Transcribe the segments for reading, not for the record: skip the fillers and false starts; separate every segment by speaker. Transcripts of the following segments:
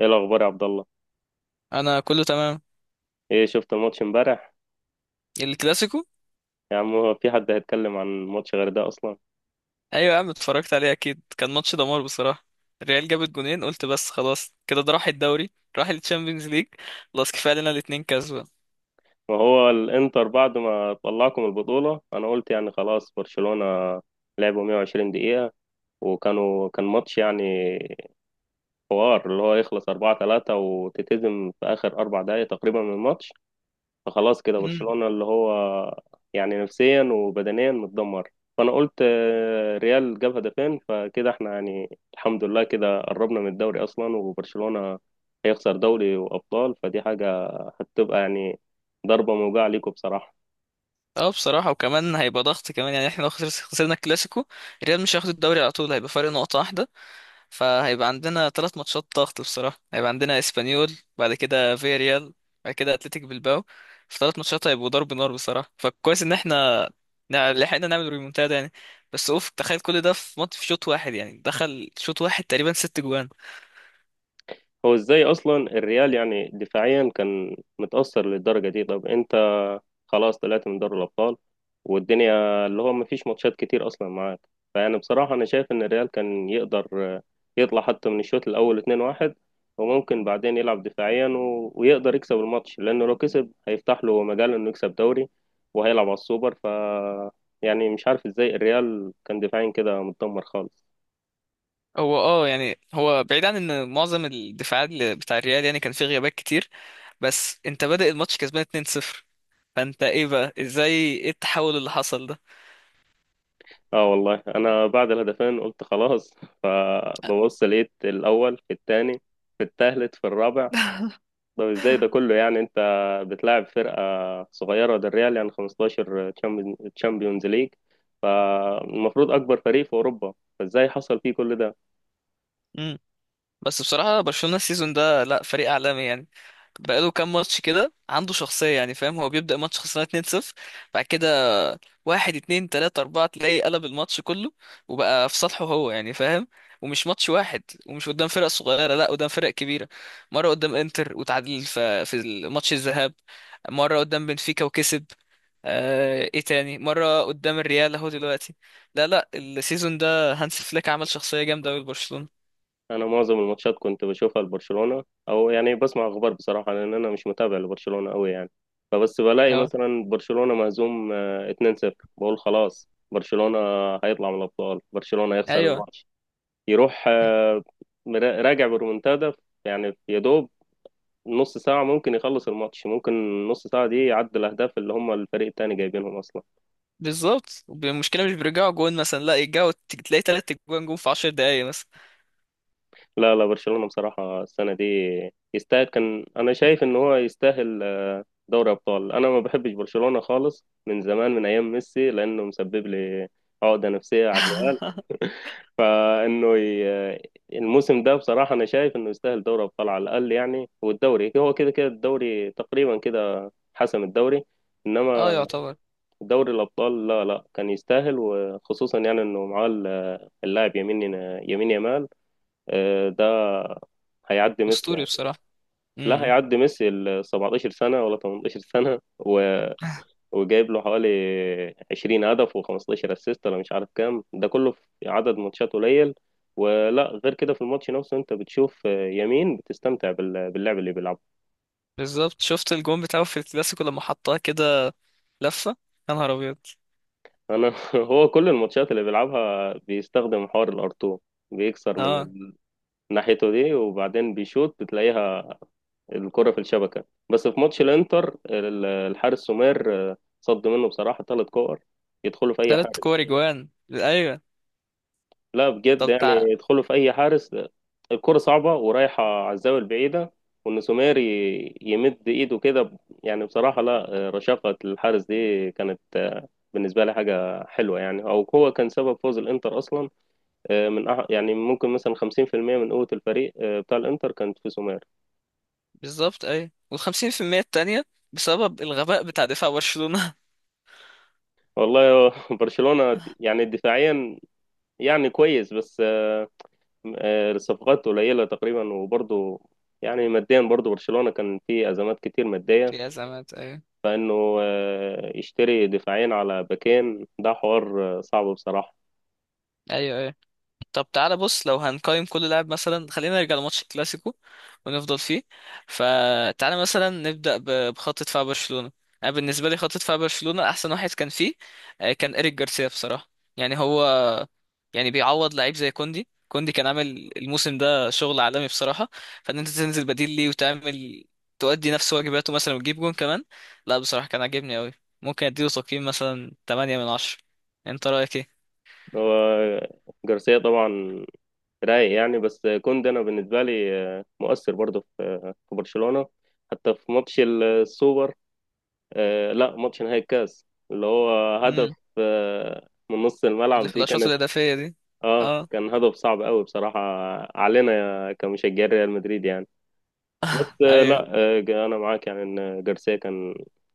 Speaker 1: ايه الاخبار يا عبد الله؟
Speaker 2: انا كله تمام.
Speaker 1: ايه، شفت الماتش امبارح؟
Speaker 2: الكلاسيكو.
Speaker 1: يا عم، هو في حد هيتكلم عن ماتش غير ده اصلا؟
Speaker 2: ايوه يا عم، اتفرجت عليه اكيد، كان ماتش دمار بصراحه. الريال جابت جونين قلت بس خلاص كده ده راح الدوري. راح التشامبيونز ليج. خلاص كفايه لنا الاتنين كسبه.
Speaker 1: ما هو الانتر، بعد ما طلعكم البطولة، انا قلت يعني خلاص برشلونة لعبوا 120 دقيقة، وكانوا كان ماتش، يعني حوار اللي هو يخلص 4-3 وتتهزم في اخر اربع دقايق تقريبا من الماتش. فخلاص كده
Speaker 2: امم.
Speaker 1: برشلونة اللي هو يعني نفسيا وبدنيا متدمر، فانا قلت ريال جاب هدفين، فكده احنا يعني الحمد لله كده قربنا من الدوري اصلا، وبرشلونة هيخسر دوري وابطال، فدي حاجة هتبقى يعني ضربة موجعة ليكم بصراحة.
Speaker 2: اه بصراحه، وكمان هيبقى ضغط كمان يعني احنا لو خسرنا الكلاسيكو، الريال مش هياخد الدوري على طول، هيبقى فرق نقطه واحده. فهيبقى عندنا 3 ماتشات ضغط بصراحة، هيبقى عندنا اسبانيول، بعد كده فياريال، بعد كده اتلتيك بالباو. في 3 ماتشات هيبقوا ضرب نار بصراحة، فكويس ان احنا لحقنا نعمل ريمونتادا يعني. بس اوف، تخيل كل ده في ماتش، في شوط واحد يعني، دخل شوط واحد تقريبا 6 جوان.
Speaker 1: هو ازاي اصلا الريال يعني دفاعيا كان متأثر للدرجة دي؟ طب انت خلاص طلعت من دوري الابطال، والدنيا اللي هو مفيش ماتشات كتير اصلا معاك، فيعني بصراحة انا شايف ان الريال كان يقدر يطلع حتى من الشوط الاول 2-1، وممكن بعدين يلعب دفاعيا ويقدر يكسب الماتش، لانه لو كسب هيفتح له مجال انه يكسب دوري وهيلعب على السوبر، ف يعني مش عارف ازاي الريال كان دفاعيا كده متدمر خالص.
Speaker 2: هو اه يعني هو بعيد عن ان معظم الدفاعات بتاع الريال يعني كان فيه غيابات كتير. بس انت بادئ الماتش كسبان 2-0، فانت ايه بقى؟ ازاي؟ ايه التحول اللي حصل ده؟
Speaker 1: اه والله انا بعد الهدفين قلت خلاص فببص لقيت الاول في الثاني، في الثالث، في الرابع. طب ازاي ده كله؟ يعني انت بتلاعب فرقه صغيره، ده الريال يعني 15 تشامبيونز ليج، فالمفروض اكبر فريق في اوروبا، فازاي حصل فيه كل ده؟
Speaker 2: مم. بس بصراحة برشلونة السيزون ده لا، فريق عالمي يعني. بقاله كام ماتش كده عنده شخصية يعني، فاهم؟ هو بيبدأ ماتش خسران 2-0، بعد كده واحد اتنين تلاتة أربعة تلاقيه قلب الماتش كله، وبقى في صالحه هو يعني، فاهم؟ ومش ماتش واحد، ومش قدام فرق صغيرة، لا قدام فرق كبيرة. مرة قدام انتر وتعادل في ماتش الذهاب، مرة قدام بنفيكا وكسب، آه ايه تاني مرة قدام الريال اهو دلوقتي. لا لا، السيزون ده هانس فليك عمل شخصية جامدة أوي لبرشلونة.
Speaker 1: انا معظم الماتشات كنت بشوفها لبرشلونة، او يعني بسمع اخبار بصراحة لان انا مش متابع لبرشلونة قوي يعني، فبس بلاقي
Speaker 2: اه
Speaker 1: مثلا برشلونة مهزوم 2-0، بقول خلاص برشلونة هيطلع من الابطال، برشلونة هيخسر
Speaker 2: ايوه
Speaker 1: الماتش، يروح راجع برومنتادا، يعني يا دوب نص ساعة ممكن يخلص الماتش، ممكن نص ساعة دي يعدل الاهداف اللي هم الفريق التاني جايبينهم اصلا.
Speaker 2: بالظبط، المشكله مش بيرجعوا جون مثلا، لا يرجعوا تلاقي 3 جوان جون في 10 دقايق مثلا.
Speaker 1: لا لا برشلونة بصراحة السنة دي يستاهل، كان أنا شايف إن هو يستاهل دوري أبطال. أنا ما بحبش برشلونة خالص من زمان، من أيام ميسي، لأنه مسبب لي عقدة نفسية على الريال، فإنه ي- آه، الموسم ده بصراحة أنا شايف إنه يستاهل دوري أبطال على الأقل يعني، والدوري هو كده كده الدوري تقريبا كده حسم الدوري،
Speaker 2: اه
Speaker 1: إنما
Speaker 2: يعتبر.
Speaker 1: دوري الأبطال لا لا كان يستاهل، وخصوصا يعني إنه معاه اللاعب يمين، يمين يمال، ده هيعدي ميسي يعني.
Speaker 2: اسطوري بصراحه.
Speaker 1: لا
Speaker 2: إمم.
Speaker 1: هيعدي ميسي ال 17 سنة ولا 18 سنة وجايب له حوالي 20 هدف و15 اسيست، ولا مش عارف كام ده كله في عدد ماتشات قليل، ولا غير كده في الماتش نفسه انت بتشوف يمين بتستمتع باللعب اللي بيلعبه.
Speaker 2: بالظبط شفت الجون بتاعه في الكلاسيكو لما حطها كده، لفه، يا نهار ابيض.
Speaker 1: انا هو كل الماتشات اللي بيلعبها بيستخدم حوار الار2، بيكسر من
Speaker 2: اه
Speaker 1: ناحيته دي وبعدين بيشوط بتلاقيها الكرة في الشبكة، بس في ماتش الانتر الحارس سومير صد منه بصراحة ثلاث كور يدخلوا في اي
Speaker 2: 3 كور
Speaker 1: حارس،
Speaker 2: جوان ايوه.
Speaker 1: لا بجد
Speaker 2: طب
Speaker 1: يعني يدخلوا في اي حارس، الكرة صعبة ورايحة على الزاوية البعيدة، وان سومير يمد ايده كده يعني بصراحة لا رشاقة الحارس دي كانت، بالنسبة لي حاجة حلوة يعني، او هو كان سبب فوز الانتر اصلا، من أح يعني ممكن مثلا 50% من قوة الفريق بتاع الانتر كانت في سومير.
Speaker 2: بالظبط ايوه، وال50% التانية بسبب الغباء بتاع دفاع برشلونه.
Speaker 1: والله برشلونة يعني دفاعيا يعني كويس، بس الصفقات قليلة تقريبا، وبرضه يعني ماديا برضه برشلونة كان فيه أزمات كتير مادية،
Speaker 2: في ازمات ايوه.
Speaker 1: فإنه يشتري دفاعين على باكين، ده حوار صعب بصراحة.
Speaker 2: ايوه طب تعالى بص، لو هنقيم كل لاعب مثلا خلينا نرجع لماتش الكلاسيكو ونفضل فيه. فتعالى مثلا نبدأ بخط دفاع برشلونة. انا بالنسبة لي خط دفاع برشلونة احسن واحد كان فيه كان إيريك جارسيا بصراحة. يعني هو يعني بيعوض لعيب زي كوندي، كوندي كان عامل الموسم ده شغل عالمي بصراحة، فان انت تنزل بديل ليه وتعمل تؤدي نفس واجباته مثلا وتجيب جون كمان، لا بصراحة كان عاجبني قوي. ممكن اديله تقييم مثلا 8 من 10. انت رأيك
Speaker 1: هو جارسيا طبعا رايق يعني، بس كوندي أنا بالنسبة لي مؤثر برضه في برشلونة، حتى في ماتش السوبر، لا ماتش نهائي الكاس، اللي هو هدف
Speaker 2: ايه؟
Speaker 1: من نص
Speaker 2: اللي
Speaker 1: الملعب
Speaker 2: في
Speaker 1: دي
Speaker 2: الاشواط
Speaker 1: كانت،
Speaker 2: الاضافيه دي.
Speaker 1: اه
Speaker 2: اه.
Speaker 1: كان هدف صعب قوي بصراحة علينا كمشجعين ريال مدريد يعني. بس
Speaker 2: ايوه.
Speaker 1: لا انا معاك يعني ان جارسيا كان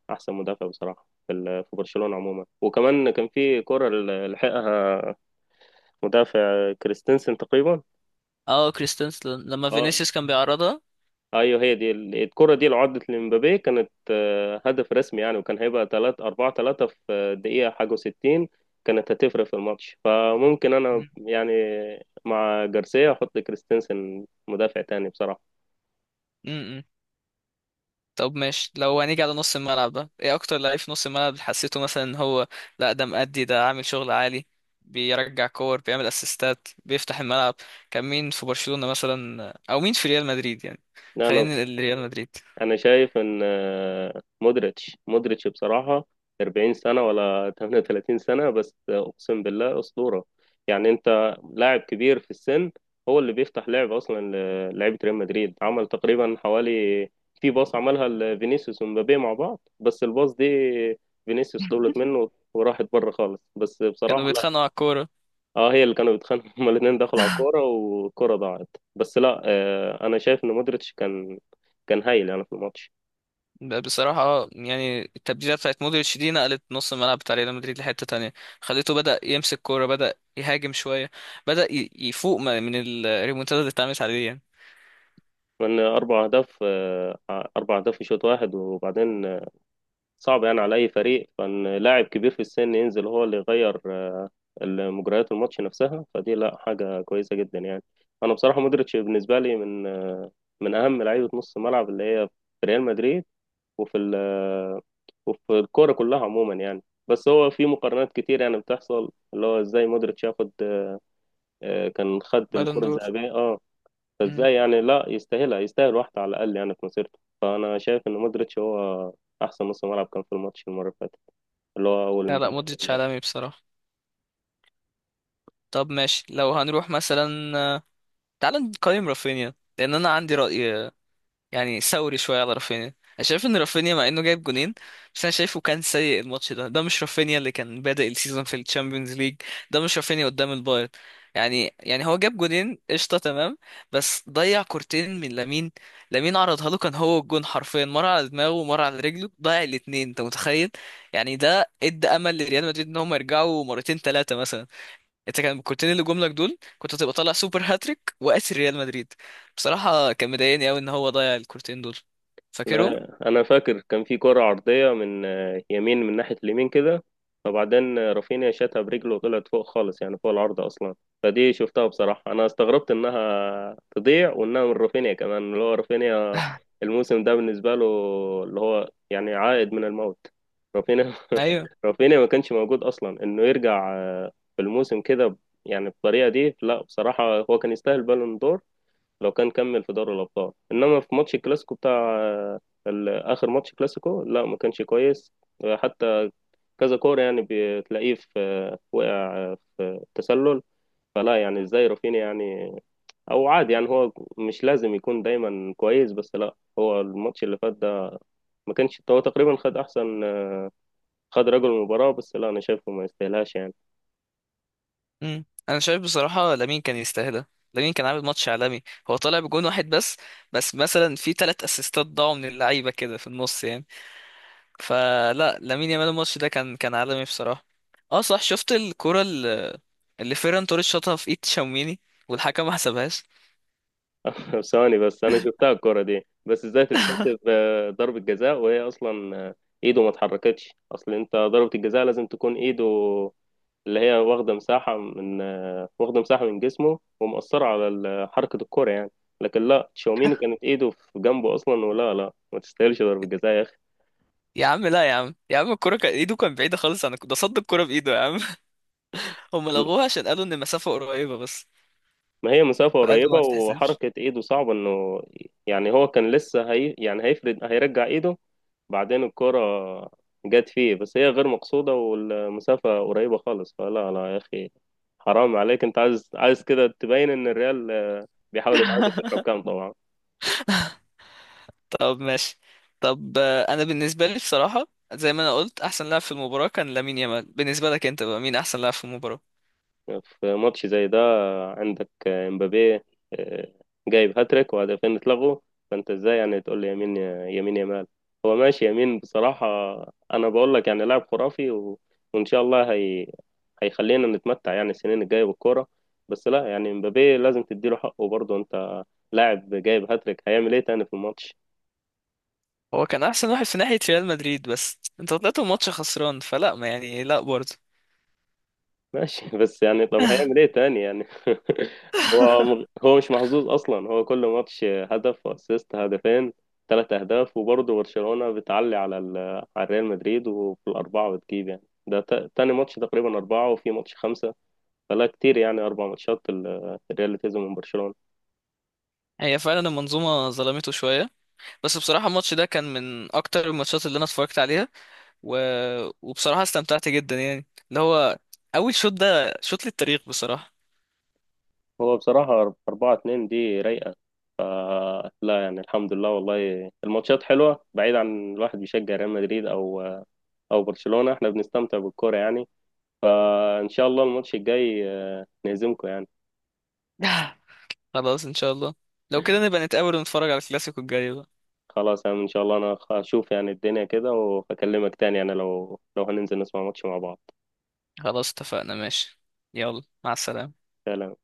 Speaker 1: احسن مدافع بصراحه في برشلونه عموما، وكمان كان في كره لحقها مدافع كريستنسن تقريبا.
Speaker 2: اه كريستنس لما
Speaker 1: اه
Speaker 2: فينيسيوس كان بيعرضها.
Speaker 1: ايوه، هي دي الكره دي لو عدت لمبابي كانت هدف رسمي يعني، وكان هيبقى 3 4 3 في الدقيقه حاجه و60، كانت هتفرق في الماتش، فممكن انا
Speaker 2: مم.
Speaker 1: يعني مع جارسيا احط كريستنسن مدافع تاني بصراحه.
Speaker 2: مم. طب ماشي، لو هنيجي على نص الملعب بقى ايه اكتر لعيب في نص الملعب حسيته مثلا ان هو، لا ده مأدي، ده عامل شغل عالي، بيرجع كور بيعمل اسيستات بيفتح الملعب. كان مين في برشلونة مثلا، او مين في ريال مدريد يعني؟
Speaker 1: لا انا
Speaker 2: خلينا الريال مدريد.
Speaker 1: انا شايف ان مودريتش مودريتش بصراحه 40 سنه ولا 38 سنه، بس اقسم بالله اسطوره يعني، انت لاعب كبير في السن هو اللي بيفتح لعب اصلا، للعيبه ريال مدريد عمل تقريبا حوالي في باص عملها لفينيسيوس ومبابي مع بعض، بس الباص دي فينيسيوس طولت منه وراحت بره خالص، بس
Speaker 2: كانوا
Speaker 1: بصراحه
Speaker 2: بيتخانقوا
Speaker 1: لا.
Speaker 2: على الكورة.
Speaker 1: اه هي اللي كانوا بيتخانقوا هما الاثنين دخلوا على الكوره والكوره ضاعت، بس لا آه انا شايف ان مودريتش كان هايل يعني في الماتش.
Speaker 2: بصراحة يعني التبديلة بتاعت مودريتش دي نقلت نص الملعب بتاع ريال مدريد لحتة تانية، خليته بدأ يمسك كورة، بدأ يهاجم شوية، بدأ يفوق من الريمونتادا اللي اتعملت عليه يعني.
Speaker 1: كنا أربع أهداف، أربع أهداف في شوط واحد وبعدين، صعب يعني على أي فريق، فإن لاعب كبير في السن ينزل هو اللي يغير مجريات الماتش نفسها، فدي لا حاجة كويسة جدا يعني. أنا بصراحة مودريتش بالنسبة لي من أهم لعيبة نص الملعب اللي هي في ريال مدريد، وفي ال- آه، وفي الكورة كلها عموما يعني، بس هو في مقارنات كتير يعني بتحصل اللي هو ازاي مودريتش ياخد، كان خد
Speaker 2: بالون
Speaker 1: الكرة
Speaker 2: دور.
Speaker 1: الذهبية اه،
Speaker 2: مم.
Speaker 1: فازاي يعني لا يستاهلها، يستاهل واحدة على الأقل يعني في مسيرته، فأنا شايف إن مودريتش هو أحسن نص ملعب كان في الماتش المرة اللي فاتت، اللي هو أول
Speaker 2: لا لا
Speaker 1: امبارح.
Speaker 2: مودريتش عالمي بصراحة. طب ماشي لو هنروح مثلا، تعال نقيم رافينيا لأن أنا عندي رأي يعني ثوري شويه على رافينيا. انا شايف ان رافينيا مع انه جايب جونين، بس انا شايفه كان سيء. الماتش ده، ده مش رافينيا اللي كان بادئ السيزون في الشامبيونز ليج، ده مش رافينيا قدام البايرن. يعني هو جاب جونين قشطه تمام، بس ضيع كورتين من لامين. لامين عرضها له كان هو الجون حرفيا، مره على دماغه ومره على رجله، ضيع الاتنين، انت متخيل؟ يعني ده ادى امل لريال مدريد ان هم يرجعوا مرتين ثلاثه مثلا. انت كان كنت اللي جملك دول، كنت هتبقى طالع سوبر هاتريك وقاسي ريال مدريد. بصراحة كان مضايقني قوي ان هو ضيع الكورتين دول، فاكرهم؟
Speaker 1: لا انا فاكر كان في كرة عرضية من يمين، من ناحية اليمين كده، فبعدين رافينيا شاتها برجله وطلعت فوق خالص، يعني فوق العرض اصلا، فدي شفتها بصراحة، انا استغربت انها تضيع وانها من رافينيا كمان اللي هو رافينيا الموسم ده بالنسبة له اللي هو يعني عائد من الموت رافينيا.
Speaker 2: ايوه.
Speaker 1: رافينيا ما كانش موجود اصلا انه يرجع في الموسم كده، يعني بالطريقة دي، لا بصراحة هو كان يستاهل بالون دور لو كان كمل في دوري الابطال، انما في ماتش الكلاسيكو بتاع آه، اخر ماتش كلاسيكو لا ما كانش كويس، حتى كذا كوره يعني بتلاقيه في وقع في تسلل، فلا يعني ازاي رافينيا، يعني او عادي يعني هو مش لازم يكون دايما كويس، بس لا هو الماتش اللي فات ده ما كانش هو تقريبا خد احسن، خد رجل المباراة، بس لا انا شايفه ما يستاهلهاش يعني.
Speaker 2: انا شايف بصراحة لامين كان يستاهلها. لامين كان عامل ماتش عالمي. هو طالع بجون واحد بس، بس مثلا في 3 اسيستات ضاعوا من اللعيبة كده في النص يعني. فلا لامين يامال الماتش ده كان عالمي بصراحة. اه صح، شفت الكرة اللي فيران توريس شاطها في ايد تشاوميني والحكم ما حسبهاش؟
Speaker 1: ثواني بس انا شفتها الكرة دي، بس ازاي تتحسب ضربة جزاء وهي اصلا ايده ما اتحركتش، اصل انت ضربة الجزاء لازم تكون ايده اللي هي واخدة مساحة من واخدة مساحة من جسمه ومؤثرة على حركة الكرة يعني، لكن لا تشاوميني كانت ايده في جنبه اصلا، ولا لا ما تستاهلش ضربة جزاء يا اخي.
Speaker 2: يا عم لا، يا عم يا عم الكرة كان ايده كان بعيدة خالص عن ده صد الكرة بإيده يا عم. هم لغوها عشان قالوا ان المسافة قريبة بس،
Speaker 1: ما هي مسافة
Speaker 2: فقالوا
Speaker 1: قريبة
Speaker 2: ما تتحسبش.
Speaker 1: وحركة ايده صعبة انه يعني، هو كان لسه هي يعني هيفرد هيرجع ايده بعدين الكرة جت فيه، بس هي غير مقصودة والمسافة قريبة خالص، فلا لا يا أخي حرام عليك، أنت عايز عايز كده تبين إن الريال بيحاول يتعادل في الحكام طبعا.
Speaker 2: طب ماشي. طب انا بالنسبة لي بصراحة زي ما انا قلت احسن لاعب في المباراة كان لامين يامال. بالنسبة لك انت بقى، مين احسن لاعب في المباراة؟
Speaker 1: في ماتش زي ده عندك امبابي، آه، جايب هاتريك وهدفين اتلغوا، فانت ازاي يعني تقول لي يمين، يمين يمال، هو ماشي يمين بصراحة، انا بقول لك يعني لاعب خرافي وان شاء الله هيخلينا نتمتع يعني السنين الجاية بالكورة، بس لا يعني امبابي لازم تديله حقه برضه، انت لاعب جايب هاتريك، هيعمل ايه تاني في الماتش؟
Speaker 2: هو كان احسن واحد في ناحية ريال مدريد، بس انت طلعت الماتش خسران فلا، ما يعني لا برضه.
Speaker 1: ماشي بس يعني طب هيعمل ايه تاني يعني؟ هو هو مش محظوظ اصلا، هو كل ماتش هدف واسيست، هدفين، ثلاث اهداف، وبرضه برشلونة بتعلي على ريال مدريد، وفي الاربعة بتجيب يعني ده تاني ماتش تقريبا أربعة وفي ماتش خمسة، فلا كتير يعني أربع ماتشات الريال اللي كسبه من برشلونة.
Speaker 2: هي فعلا المنظومة ظلمته شوية. بس بصراحة الماتش ده كان من أكتر الماتشات اللي أنا اتفرجت عليها، و... وبصراحة استمتعت جدا يعني. اللي هو أول شوط ده شوط للتاريخ بصراحة.
Speaker 1: هو بصراحة أربعة اتنين دي رايقة، فلا يعني الحمد لله والله الماتشات حلوة، بعيد عن الواحد بيشجع ريال مدريد أو برشلونة، احنا بنستمتع بالكورة يعني، فان شاء الله الماتش الجاي نهزمكم يعني.
Speaker 2: خلاص إن شاء الله. لو كده نبقى نتقابل ونتفرج على الكلاسيكو الجاي بقى.
Speaker 1: خلاص يعني ان شاء الله، انا هشوف يعني الدنيا كده واكلمك تاني يعني، لو هننزل نسمع ماتش مع بعض.
Speaker 2: خلاص اتفقنا ماشي. يلا مع السلامة.
Speaker 1: سلام.